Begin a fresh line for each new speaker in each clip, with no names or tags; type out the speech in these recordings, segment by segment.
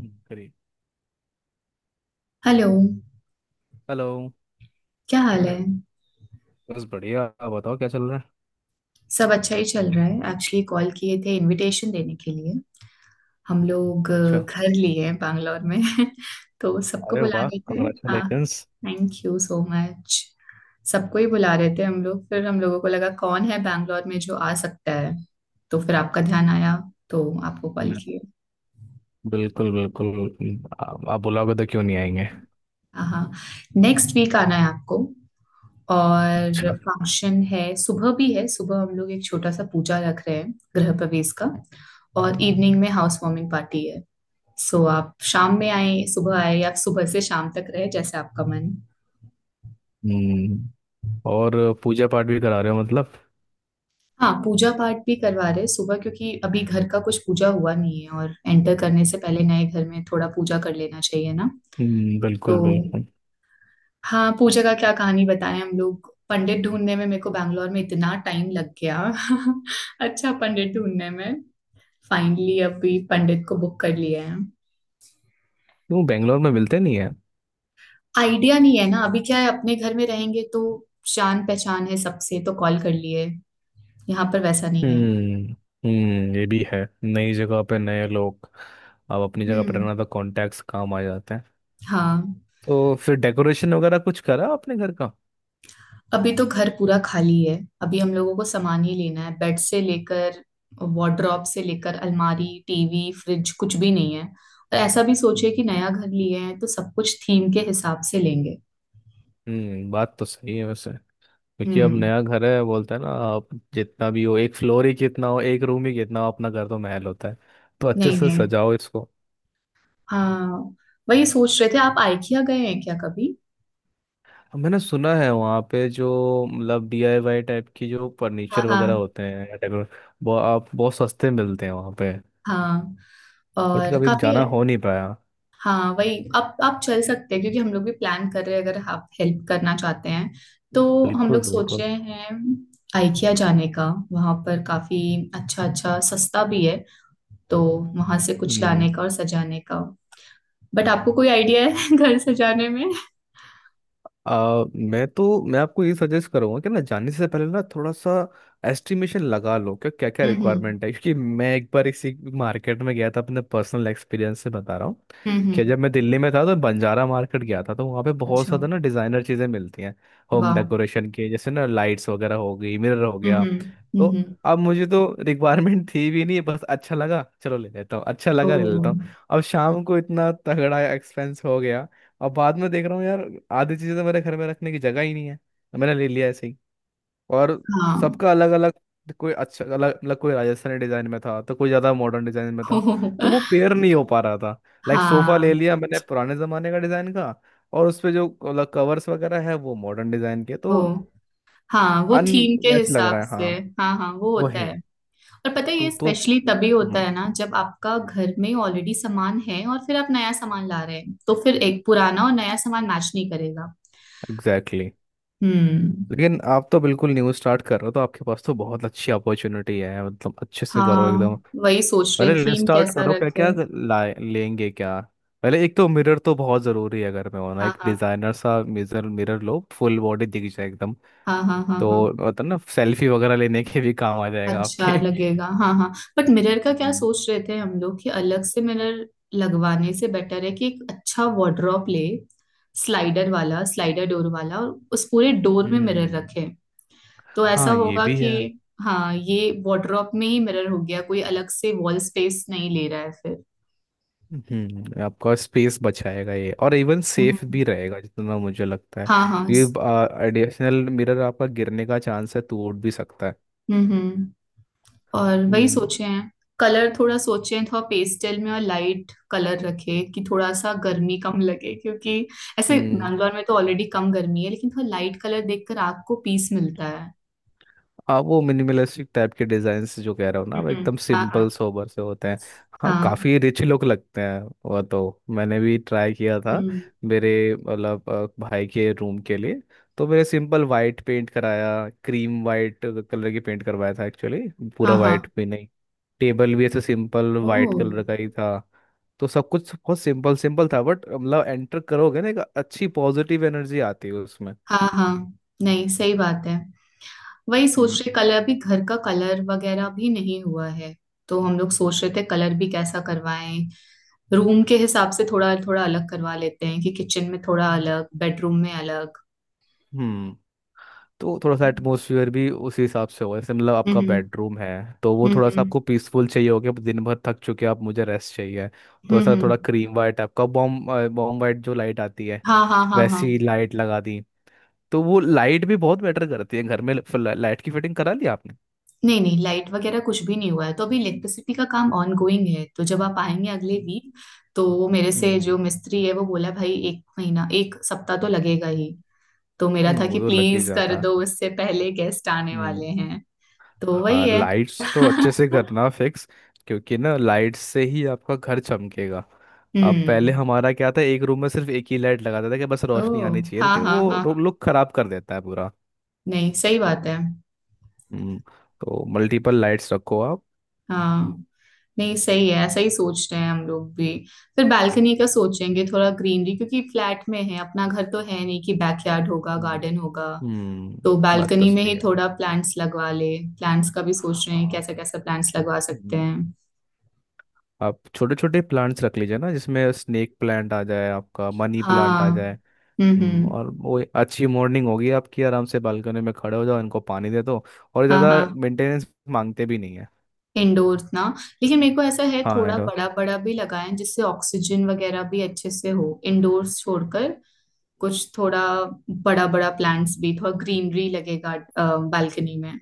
करिए।
Hello.
Hello.
क्या हाल है?
बस बढ़िया। आप बताओ क्या चल रहा है।
सब अच्छा ही चल रहा है। एक्चुअली कॉल किए थे इनविटेशन देने के लिए। हम लोग
अच्छा।
घर लिए हैं बैंगलोर में। तो सबको
अरे
बुला
वाह।
रहे थे। हाँ,
congratulations.
Thank you so much. सबको ही बुला रहे थे हम लोग, फिर हम लोगों को लगा कौन है बैंगलोर में जो आ सकता है, तो फिर आपका ध्यान आया, तो आपको कॉल
हम्म,
किए।
बिल्कुल बिल्कुल। आप बुलाओगे तो क्यों नहीं आएंगे।
हाँ, नेक्स्ट वीक आना है आपको। और
अच्छा।
फंक्शन है, सुबह भी है। सुबह हम लोग एक छोटा सा पूजा रख रहे हैं गृह प्रवेश का, और इवनिंग में हाउस वार्मिंग पार्टी है। सो आप शाम में आए, सुबह आए, या सुबह से शाम तक रहे, जैसे आपका मन।
हम्म। और पूजा पाठ भी करा रहे हो मतलब।
हाँ, पूजा पाठ भी करवा रहे हैं सुबह, क्योंकि अभी घर का कुछ पूजा हुआ नहीं है और एंटर करने से पहले नए घर में थोड़ा पूजा कर लेना चाहिए ना।
हम्म।
तो
बिल्कुल बिल्कुल।
हाँ, पूजा का क्या कहानी बताएं, हम लोग पंडित ढूंढने में मेरे को बैंगलोर में इतना टाइम लग गया। अच्छा, पंडित ढूंढने में फाइनली अभी पंडित को बुक कर लिया है।
क्यों बेंगलोर में मिलते नहीं है।
आइडिया नहीं है ना। अभी क्या है, अपने घर में रहेंगे तो जान पहचान है सबसे, तो कॉल कर लिए। यहाँ पर वैसा नहीं है।
हम्म। हम्म। ये भी है नई जगह पे नए लोग। अब अपनी जगह पर
हम्म।
रहना तो कॉन्टैक्ट्स काम आ जाते हैं।
हाँ,
तो फिर डेकोरेशन वगैरह कुछ करा आपने घर का।
अभी तो घर पूरा खाली है। अभी हम लोगों को सामान ही लेना है, बेड से लेकर, वार्डरोब से लेकर, अलमारी, टीवी, फ्रिज, कुछ भी नहीं है। और ऐसा भी सोचे कि
हम्म।
नया घर लिए हैं तो सब कुछ थीम के हिसाब से लेंगे।
बात तो सही है वैसे। क्योंकि अब
हम्म।
नया घर है बोलते हैं ना आप। जितना भी हो, एक फ्लोर ही कितना हो, एक रूम ही कितना हो, अपना घर तो महल होता है। तो अच्छे
नहीं
से
नहीं,
सजाओ इसको।
हाँ, वही सोच रहे थे। आप आइकिया गए हैं क्या कभी?
मैंने सुना है वहाँ पे जो मतलब डीआईवाई टाइप की जो
हाँ
फर्नीचर वगैरह
हाँ
होते हैं या डेकोर, वो आप बहुत सस्ते मिलते हैं वहाँ पे।
हाँ।
बट
और
कभी
काफी।
जाना हो नहीं पाया।
हाँ, वही। आप चल सकते हैं, क्योंकि हम लोग भी प्लान कर रहे हैं, अगर आप हेल्प करना चाहते हैं तो। हम
बिल्कुल
लोग सोच
बिल्कुल।
रहे हैं आइकिया जाने का, वहां पर काफी अच्छा अच्छा सस्ता भी है। तो वहां से कुछ लाने
हम्म।
का और सजाने का। बट आपको कोई आइडिया है घर सजाने में?
मैं आपको ये सजेस्ट करूंगा कि ना जाने से पहले ना थोड़ा सा एस्टिमेशन लगा लो कि क्या क्या
हम्म।
रिक्वायरमेंट है, क्योंकि मैं एक बार इसी मार्केट में गया था, अपने पर्सनल एक्सपीरियंस से बता रहा हूँ
हम्म
कि
हम्म,
जब मैं दिल्ली में था तो बंजारा मार्केट गया था, तो वहाँ पे बहुत
अच्छा।
ज़्यादा ना डिज़ाइनर चीज़ें मिलती हैं, होम
वाह।
डेकोरेशन के जैसे ना लाइट्स वगैरह हो गई, मिरर हो गया।
हम्म। हम्म
तो
हम्म।
अब मुझे तो रिक्वायरमेंट थी भी नहीं, बस अच्छा लगा चलो ले लेता हूँ, अच्छा
ओ।
लगा ले लेता हूँ। अब शाम को इतना तगड़ा एक्सपेंस हो गया। अब बाद में देख रहा हूँ यार, आधी चीजें तो मेरे घर में रखने की जगह ही नहीं है, तो मैंने ले लिया ऐसे ही। और
हाँ।
सबका अलग अलग, कोई अच्छा अलग अलग, कोई राजस्थानी डिजाइन में था तो कोई ज्यादा मॉडर्न डिजाइन में था, तो वो पेयर नहीं हो पा रहा था। लाइक सोफा ले
हाँ।
लिया मैंने पुराने जमाने का डिजाइन का, और उसपे जो अलग कवर्स वगैरह है वो मॉडर्न डिजाइन के,
ओ
तो
हाँ, वो थीम के
अनमैच लग
हिसाब
रहा है,
से।
हाँ।
हाँ हाँ, वो होता
वही।
है। और पता है,
तो
ये
तो
स्पेशली तभी होता है ना, जब आपका घर में ऑलरेडी सामान है और फिर आप नया सामान ला रहे हैं, तो फिर एक पुराना और नया सामान मैच नहीं करेगा।
Exactly, exactly।
हम्म।
लेकिन आप तो बिल्कुल न्यू स्टार्ट कर रहे हो, तो आपके पास तो बहुत अच्छी अपॉर्चुनिटी है, मतलब अच्छे से करो एकदम।
हाँ, वही सोच रहे,
पहले
थीम
लिस्ट आउट
कैसा
करो क्या
रखे।
क्या लाए लेंगे क्या। पहले एक तो मिरर तो बहुत ज़रूरी है, अगर मैं होना, एक
हाँ
डिज़ाइनर सा मिरर मिरर लो फुल बॉडी दिख जाए एकदम।
हाँ हाँ हाँ हाँ
तो
हाँ।
होता है ना, सेल्फी वगैरह लेने के भी काम आ जाएगा
अच्छा
आपके।
लगेगा, हाँ हाँ। बट मिरर का क्या
हम्म।
सोच रहे थे हम लोग कि अलग से मिरर लगवाने से बेटर है कि एक अच्छा वार्डरोब ले, स्लाइडर वाला, स्लाइडर डोर वाला, और उस पूरे डोर में मिरर।
हम्म,
तो हाँ, ऐसा
हाँ ये
होगा
भी
कि
है।
हाँ, ये वार्डरोब में ही मिरर हो गया, कोई अलग से वॉल स्पेस नहीं ले रहा है फिर।
आपका स्पेस बचाएगा ये, और इवन सेफ
हम्म।
भी रहेगा जितना मुझे लगता है।
हाँ हाँ।
ये एडिशनल मिरर आपका गिरने का चांस है, टूट भी सकता है।
हम्म। और वही सोचे हैं, कलर थोड़ा सोचे हैं, थोड़ा पेस्टल में और लाइट कलर रखे कि थोड़ा सा गर्मी कम लगे, क्योंकि ऐसे
हम्म।
बैंगलोर में तो ऑलरेडी कम गर्मी है, लेकिन थोड़ा लाइट कलर देखकर आग को पीस मिलता है।
हाँ वो मिनिमलिस्टिक टाइप के डिजाइन जो कह रहा हूँ ना, वो
हम्म।
एकदम
हाँ हाँ
सिंपल सोबर से होते हैं। हाँ
हाँ।
काफी रिच लुक लगते हैं, वो तो मैंने भी ट्राई किया था
हम्म।
मेरे, मतलब भाई के रूम के लिए। तो मेरे सिंपल वाइट पेंट कराया, क्रीम वाइट कलर की पेंट करवाया था एक्चुअली।
हाँ
पूरा
हाँ।
वाइट भी नहीं। टेबल भी ऐसे सिंपल
ओ,
वाइट कलर का ही था। तो सब कुछ बहुत सिंपल सिंपल था, बट मतलब एंटर करोगे ना, एक अच्छी पॉजिटिव एनर्जी आती है उसमें।
हाँ हाँ, नहीं सही बात है। वही
हम्म।
सोच रहे, कलर अभी घर का कलर वगैरह भी नहीं हुआ है। तो हम लोग सोच रहे थे कलर भी कैसा करवाएं, रूम के हिसाब से थोड़ा थोड़ा अलग करवा लेते हैं, कि किचन में थोड़ा अलग, बेडरूम में अलग।
हम्म। तो थोड़ा सा
हम्म
एटमोसफियर भी उसी हिसाब से होगा, जैसे मतलब आपका
हम्म।
बेडरूम है तो वो थोड़ा सा
हम्म
आपको पीसफुल चाहिए होगा, दिन भर थक चुके हैं आप, मुझे रेस्ट चाहिए। तो
हम्म,
ऐसा थोड़ा
हम्म।
क्रीम वाइट आपका बॉम वाइट, जो लाइट आती है
हाँ हाँ हाँ हाँ।
वैसी लाइट लगा दी, तो वो लाइट भी बहुत मैटर करती है घर में। लाइट की फिटिंग करा ली आपने।
नहीं नहीं, लाइट वगैरह कुछ भी नहीं हुआ है, तो अभी इलेक्ट्रिसिटी का काम ऑन गोइंग है। तो जब आप आएंगे अगले
हम्म।
वीक, तो मेरे से
हम्म।
जो मिस्त्री है वो बोला भाई 1 महीना 1 सप्ताह तो लगेगा ही। तो मेरा था
वो
कि
तो लग ही
प्लीज कर
जाता है।
दो, उससे पहले गेस्ट आने
हम्म।
वाले। तो वही
हाँ
है।
लाइट्स तो अच्छे से करना फिक्स, क्योंकि ना लाइट्स से ही आपका घर चमकेगा। अब पहले
हम्म।
हमारा क्या था, एक रूम में सिर्फ एक ही लाइट लगाता था कि बस
ओ,
रोशनी आनी चाहिए,
हाँ
लेकिन
हाँ हाँ
वो
हाँ।
लुक खराब कर देता है पूरा।
नहीं सही बात है।
हम्म। तो मल्टीपल लाइट्स रखो आप।
हाँ, नहीं सही है, ऐसा ही सोचते हैं हम लोग भी। फिर बालकनी का सोचेंगे, थोड़ा ग्रीनरी, क्योंकि फ्लैट में है अपना घर, तो है नहीं कि बैकयार्ड होगा,
हम्म।
गार्डन होगा।
हम्म,
तो
बात तो
बालकनी में
सही
ही
है।
थोड़ा प्लांट्स लगवा ले। प्लांट्स का भी सोच रहे हैं,
हाँ।
कैसा कैसा प्लांट्स लगवा सकते
हम्म,
हैं।
आप छोटे छोटे प्लांट्स रख लीजिए ना, जिसमें स्नेक प्लांट आ जाए, आपका मनी प्लांट आ
हाँ।
जाए।
हम्म।
और वो अच्छी मॉर्निंग होगी आपकी, आराम से बालकनी में खड़े हो जाओ, इनको पानी दे दो, और
हाँ
ज़्यादा
हाँ।
मेंटेनेंस मांगते भी नहीं है।
इंडोर्स ना। लेकिन मेरे को ऐसा है,
हाँ
थोड़ा
एंड
बड़ा बड़ा भी लगाएं, जिससे ऑक्सीजन वगैरह भी अच्छे से हो, इंडोर्स छोड़कर। कुछ थोड़ा बड़ा बड़ा प्लांट्स भी, थोड़ा ग्रीनरी लगेगा बालकनी में।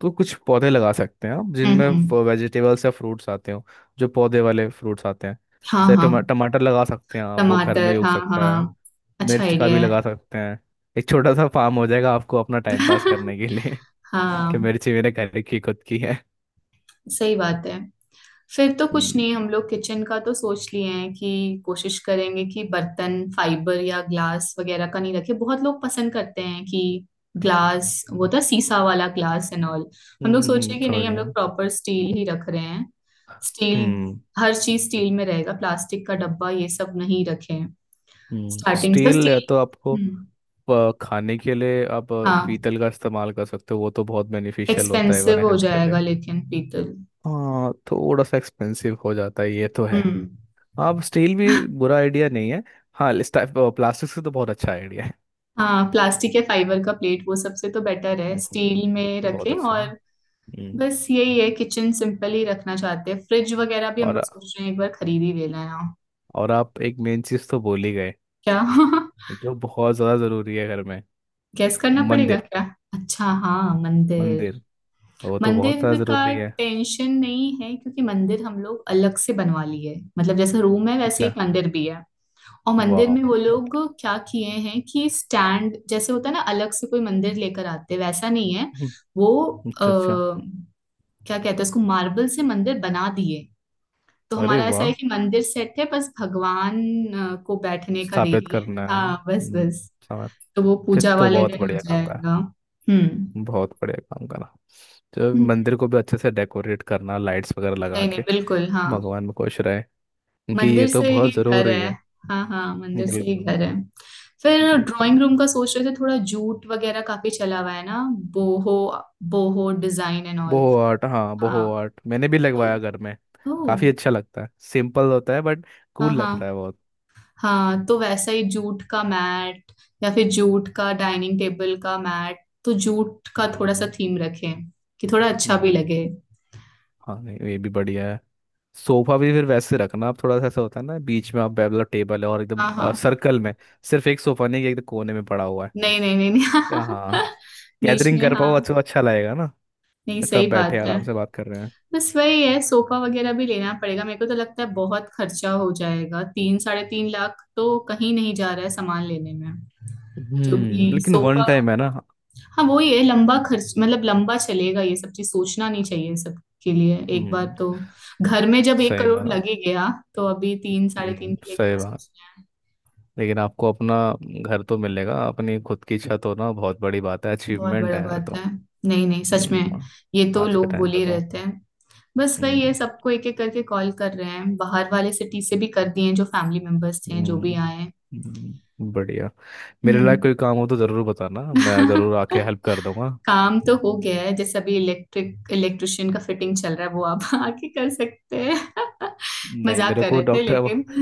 तो कुछ पौधे लगा सकते हैं आप
हम्म
जिनमें
हम्म,
वेजिटेबल्स या फ्रूट्स आते हो। जो पौधे वाले फ्रूट्स आते हैं,
हाँ
जैसे
हाँ।
टमाटर लगा सकते हैं आप, वो घर में ही
टमाटर,
उग
हाँ
सकता है।
हाँ, अच्छा
मिर्च का
आइडिया
भी लगा
है।
सकते हैं। एक छोटा सा फार्म हो जाएगा आपको अपना टाइम पास करने के लिए। कि
हाँ,
मिर्ची मेरे घर की खुद की है।
सही बात है। फिर तो कुछ
हम्म।
नहीं, हम लोग किचन का तो सोच लिए हैं, कि कोशिश करेंगे कि बर्तन फाइबर या ग्लास वगैरह का नहीं रखे, बहुत लोग पसंद करते हैं कि ग्लास, वो था शीशा वाला ग्लास एंड ऑल। हम लोग
हम्म।
सोचे कि
समझ
नहीं, हम
गया।
लोग प्रॉपर स्टील ही रख रहे हैं। स्टील।
हम्म।
हर चीज स्टील में रहेगा, प्लास्टिक का डब्बा ये सब नहीं रखे। स्टार्टिंग से
स्टील, या
स्टील।
तो आपको
हम्म।
खाने के लिए आप
हाँ,
पीतल का इस्तेमाल कर सकते हो, वो तो बहुत बेनिफिशियल होता है वन
एक्सपेंसिव हो
हेल्थ के
जाएगा
लिए।
लेकिन पीतल।
हाँ थोड़ा सा एक्सपेंसिव हो जाता है, ये तो है।
हम्म।
हाँ स्टील भी बुरा आइडिया नहीं है। हाँ प्लास्टिक से तो बहुत अच्छा आइडिया है।
हाँ, प्लास्टिक या फाइबर का प्लेट वो सबसे, तो बेटर है
हम्म,
स्टील में
बहुत
रखें।
अच्छा है।
और
हम्म।
बस यही है, किचन सिंपल ही रखना चाहते हैं। फ्रिज वगैरह भी हम लोग
और
सोच रहे हैं, एक बार खरीद ही लेना है।
और आप एक मेन चीज़ तो बोल ही गए
क्या?
जो बहुत ज़्यादा ज़रूरी है घर में।
गैस करना पड़ेगा
मंदिर।
क्या? अच्छा, हाँ मंदिर।
मंदिर, वो तो बहुत
मंदिर
ज़्यादा
का
ज़रूरी है।
टेंशन नहीं है, क्योंकि मंदिर हम लोग अलग से बनवा लिए, मतलब जैसा रूम है वैसे
अच्छा।
एक मंदिर भी है। और मंदिर
वाह।
में वो लोग क्या किए हैं कि स्टैंड जैसे होता है ना, अलग से कोई मंदिर लेकर आते, वैसा नहीं है
हम्म,
वो। आ,
अच्छा अच्छा।
क्या कहते हैं उसको, मार्बल से मंदिर बना दिए। तो
अरे
हमारा ऐसा है
वाह।
कि मंदिर सेट है, बस भगवान को बैठने का दे
स्थापित
रही है,
करना है,
हाँ बस बस।
समझ।
तो वो
फिर
पूजा
तो
वाले
बहुत
दिन हो
बढ़िया काम करा,
जाएगा। हम्म।
बहुत बढ़िया काम करा। तो
हम्म,
मंदिर को भी अच्छे से डेकोरेट करना, लाइट्स वगैरह लगा
नहीं नहीं
के।
बिल्कुल, हाँ।
भगवान में खुश रहे, क्योंकि
मंदिर
ये तो
से ही
बहुत
घर
जरूरी
है।
है।
हाँ हाँ, मंदिर से ही
बिल्कुल।
घर है। फिर
बिल्कुल
ड्राइंग रूम
बिल्कुल।
का सोच रहे थे थोड़ा जूट वगैरह, काफी चला हुआ है ना। Boho, boho design and all.
Boho art, हाँ,
हाँ,
बोहो आर्ट मैंने भी लगवाया
तो।
घर में।
ओ,
काफी अच्छा लगता है, सिंपल होता है बट
हाँ
कूल
हाँ
लगता है बहुत।
हाँ। तो वैसा ही जूट का मैट, या फिर जूट का डाइनिंग टेबल का मैट। तो जूट का थोड़ा सा
हम्म।
थीम रखें, कि थोड़ा अच्छा भी
हम्म,
लगे।
हाँ नहीं, ये भी बढ़िया है। सोफा भी फिर वैसे रखना आप, थोड़ा सा ऐसा होता है ना, बीच में आप मतलब टेबल है और एकदम
हाँ हाँ।
सर्कल में। सिर्फ एक सोफा नहीं कि एक कोने में पड़ा हुआ है।
नहीं नहीं नहीं
या हाँ
नहीं। बीच
गैदरिंग
में,
कर पाओ,
हाँ।
अच्छा अच्छा लगेगा ना,
नहीं सही
सब बैठे
बात है।
आराम से बात कर रहे हैं।
बस वही है, सोफा वगैरह भी लेना पड़ेगा। मेरे को तो लगता है बहुत खर्चा हो जाएगा, 3 साढ़े 3 लाख तो कहीं नहीं जा रहा है सामान लेने में। क्योंकि
लेकिन वन
सोफा।
टाइम है ना।
हाँ, वो ही है, लंबा खर्च, मतलब लंबा चलेगा ये सब चीज, सोचना नहीं चाहिए इन सब के लिए एक बार
हम्म
तो। घर में जब एक
सही
करोड़
माना।
लगे गया, तो अभी 3 साढ़े 3 के लिए
सही
क्या
बात।
सोचना है।
लेकिन आपको अपना घर तो मिलेगा, अपनी खुद की छत होना बहुत बड़ी बात है,
बहुत
अचीवमेंट
बड़ा
है ये
बात
तो।
है। नहीं नहीं, सच में।
हम्म।
ये तो
आज के
लोग बोल
टाइम पे
ही
तो।
रहते हैं। बस वही है,
हम्म।
सबको एक एक करके कॉल कर रहे हैं, बाहर वाले सिटी से भी कर दिए हैं, जो फैमिली मेंबर्स थे जो
हम्म।
भी आए हैं।
बढ़िया। मेरे लायक
हम्म।
कोई काम हो तो ज़रूर बताना, मैं ज़रूर आके हेल्प कर दूंगा।
काम तो हो गया है, जैसे अभी इलेक्ट्रिक इलेक्ट्रिशियन का फिटिंग चल रहा है, वो आप आके कर सकते हैं।
नहीं
मजाक
मेरे
कर
को
रहे थे
डॉक्टर
लेकिन।
वो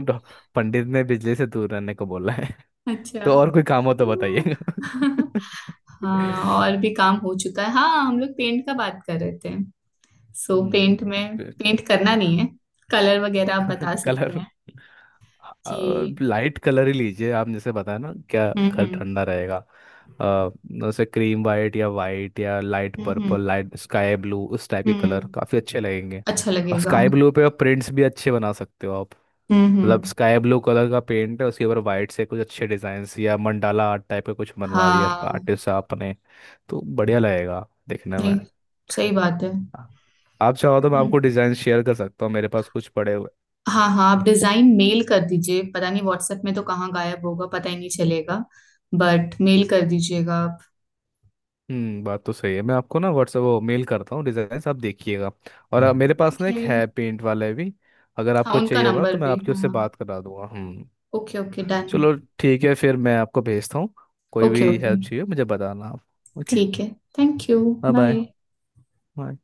डॉ- पंडित ने बिजली से दूर रहने को बोला,
अच्छा।
तो और कोई काम हो तो बताइएगा।
हम्म। हाँ, और भी काम हो चुका है। हाँ, हम लोग पेंट का बात कर रहे थे, सो
हम्म,
पेंट में,
फिर
पेंट करना नहीं है, कलर वगैरह आप बता सकते
कलर।
हैं कि।
लाइट कलर ही लीजिए आप, जैसे बताया ना क्या, घर
हम्म।
ठंडा रहेगा। अ, जैसे क्रीम वाइट या लाइट
हम्म हम्म
पर्पल, लाइट स्काई ब्लू, उस टाइप के कलर
हम्म,
काफ़ी अच्छे लगेंगे।
अच्छा
और
लगेगा।
स्काई ब्लू पे आप प्रिंट्स भी अच्छे बना सकते हो आप। मतलब
हम्म।
स्काई ब्लू कलर का पेंट है, उसके ऊपर वाइट से कुछ अच्छे डिजाइन्स या मंडाला आर्ट टाइप का कुछ बनवा दिया
हाँ,
आर्टिस्ट आपने, तो बढ़िया लगेगा देखने में।
नहीं सही बात है।
हाँ। आप चाहो तो मैं
हम्म।
आपको डिजाइन शेयर कर सकता हूँ, मेरे पास कुछ पड़े हुए।
हाँ हाँ, आप डिजाइन मेल कर दीजिए, पता नहीं व्हाट्सएप में तो कहाँ गायब होगा, पता ही नहीं चलेगा, बट मेल कर दीजिएगा आप।
बात तो सही है, मैं आपको ना व्हाट्सएप वो मेल करता हूँ डिजाइन्स, आप देखिएगा। और मेरे पास ना एक
ओके।
है पेंट वाले भी, अगर
हाँ,
आपको
उनका
चाहिए होगा ना
नंबर
तो मैं
भी,
आपकी
हाँ
उससे
हाँ।
बात करा दूंगा, हम्म।
Okay okay done.
चलो, ठीक है, फिर मैं आपको भेजता हूँ। कोई
ओके
भी
ओके,
हेल्प चाहिए मुझे बताना आप, ओके।
ठीक है। Thank you.
Bye.
Bye.
Bye.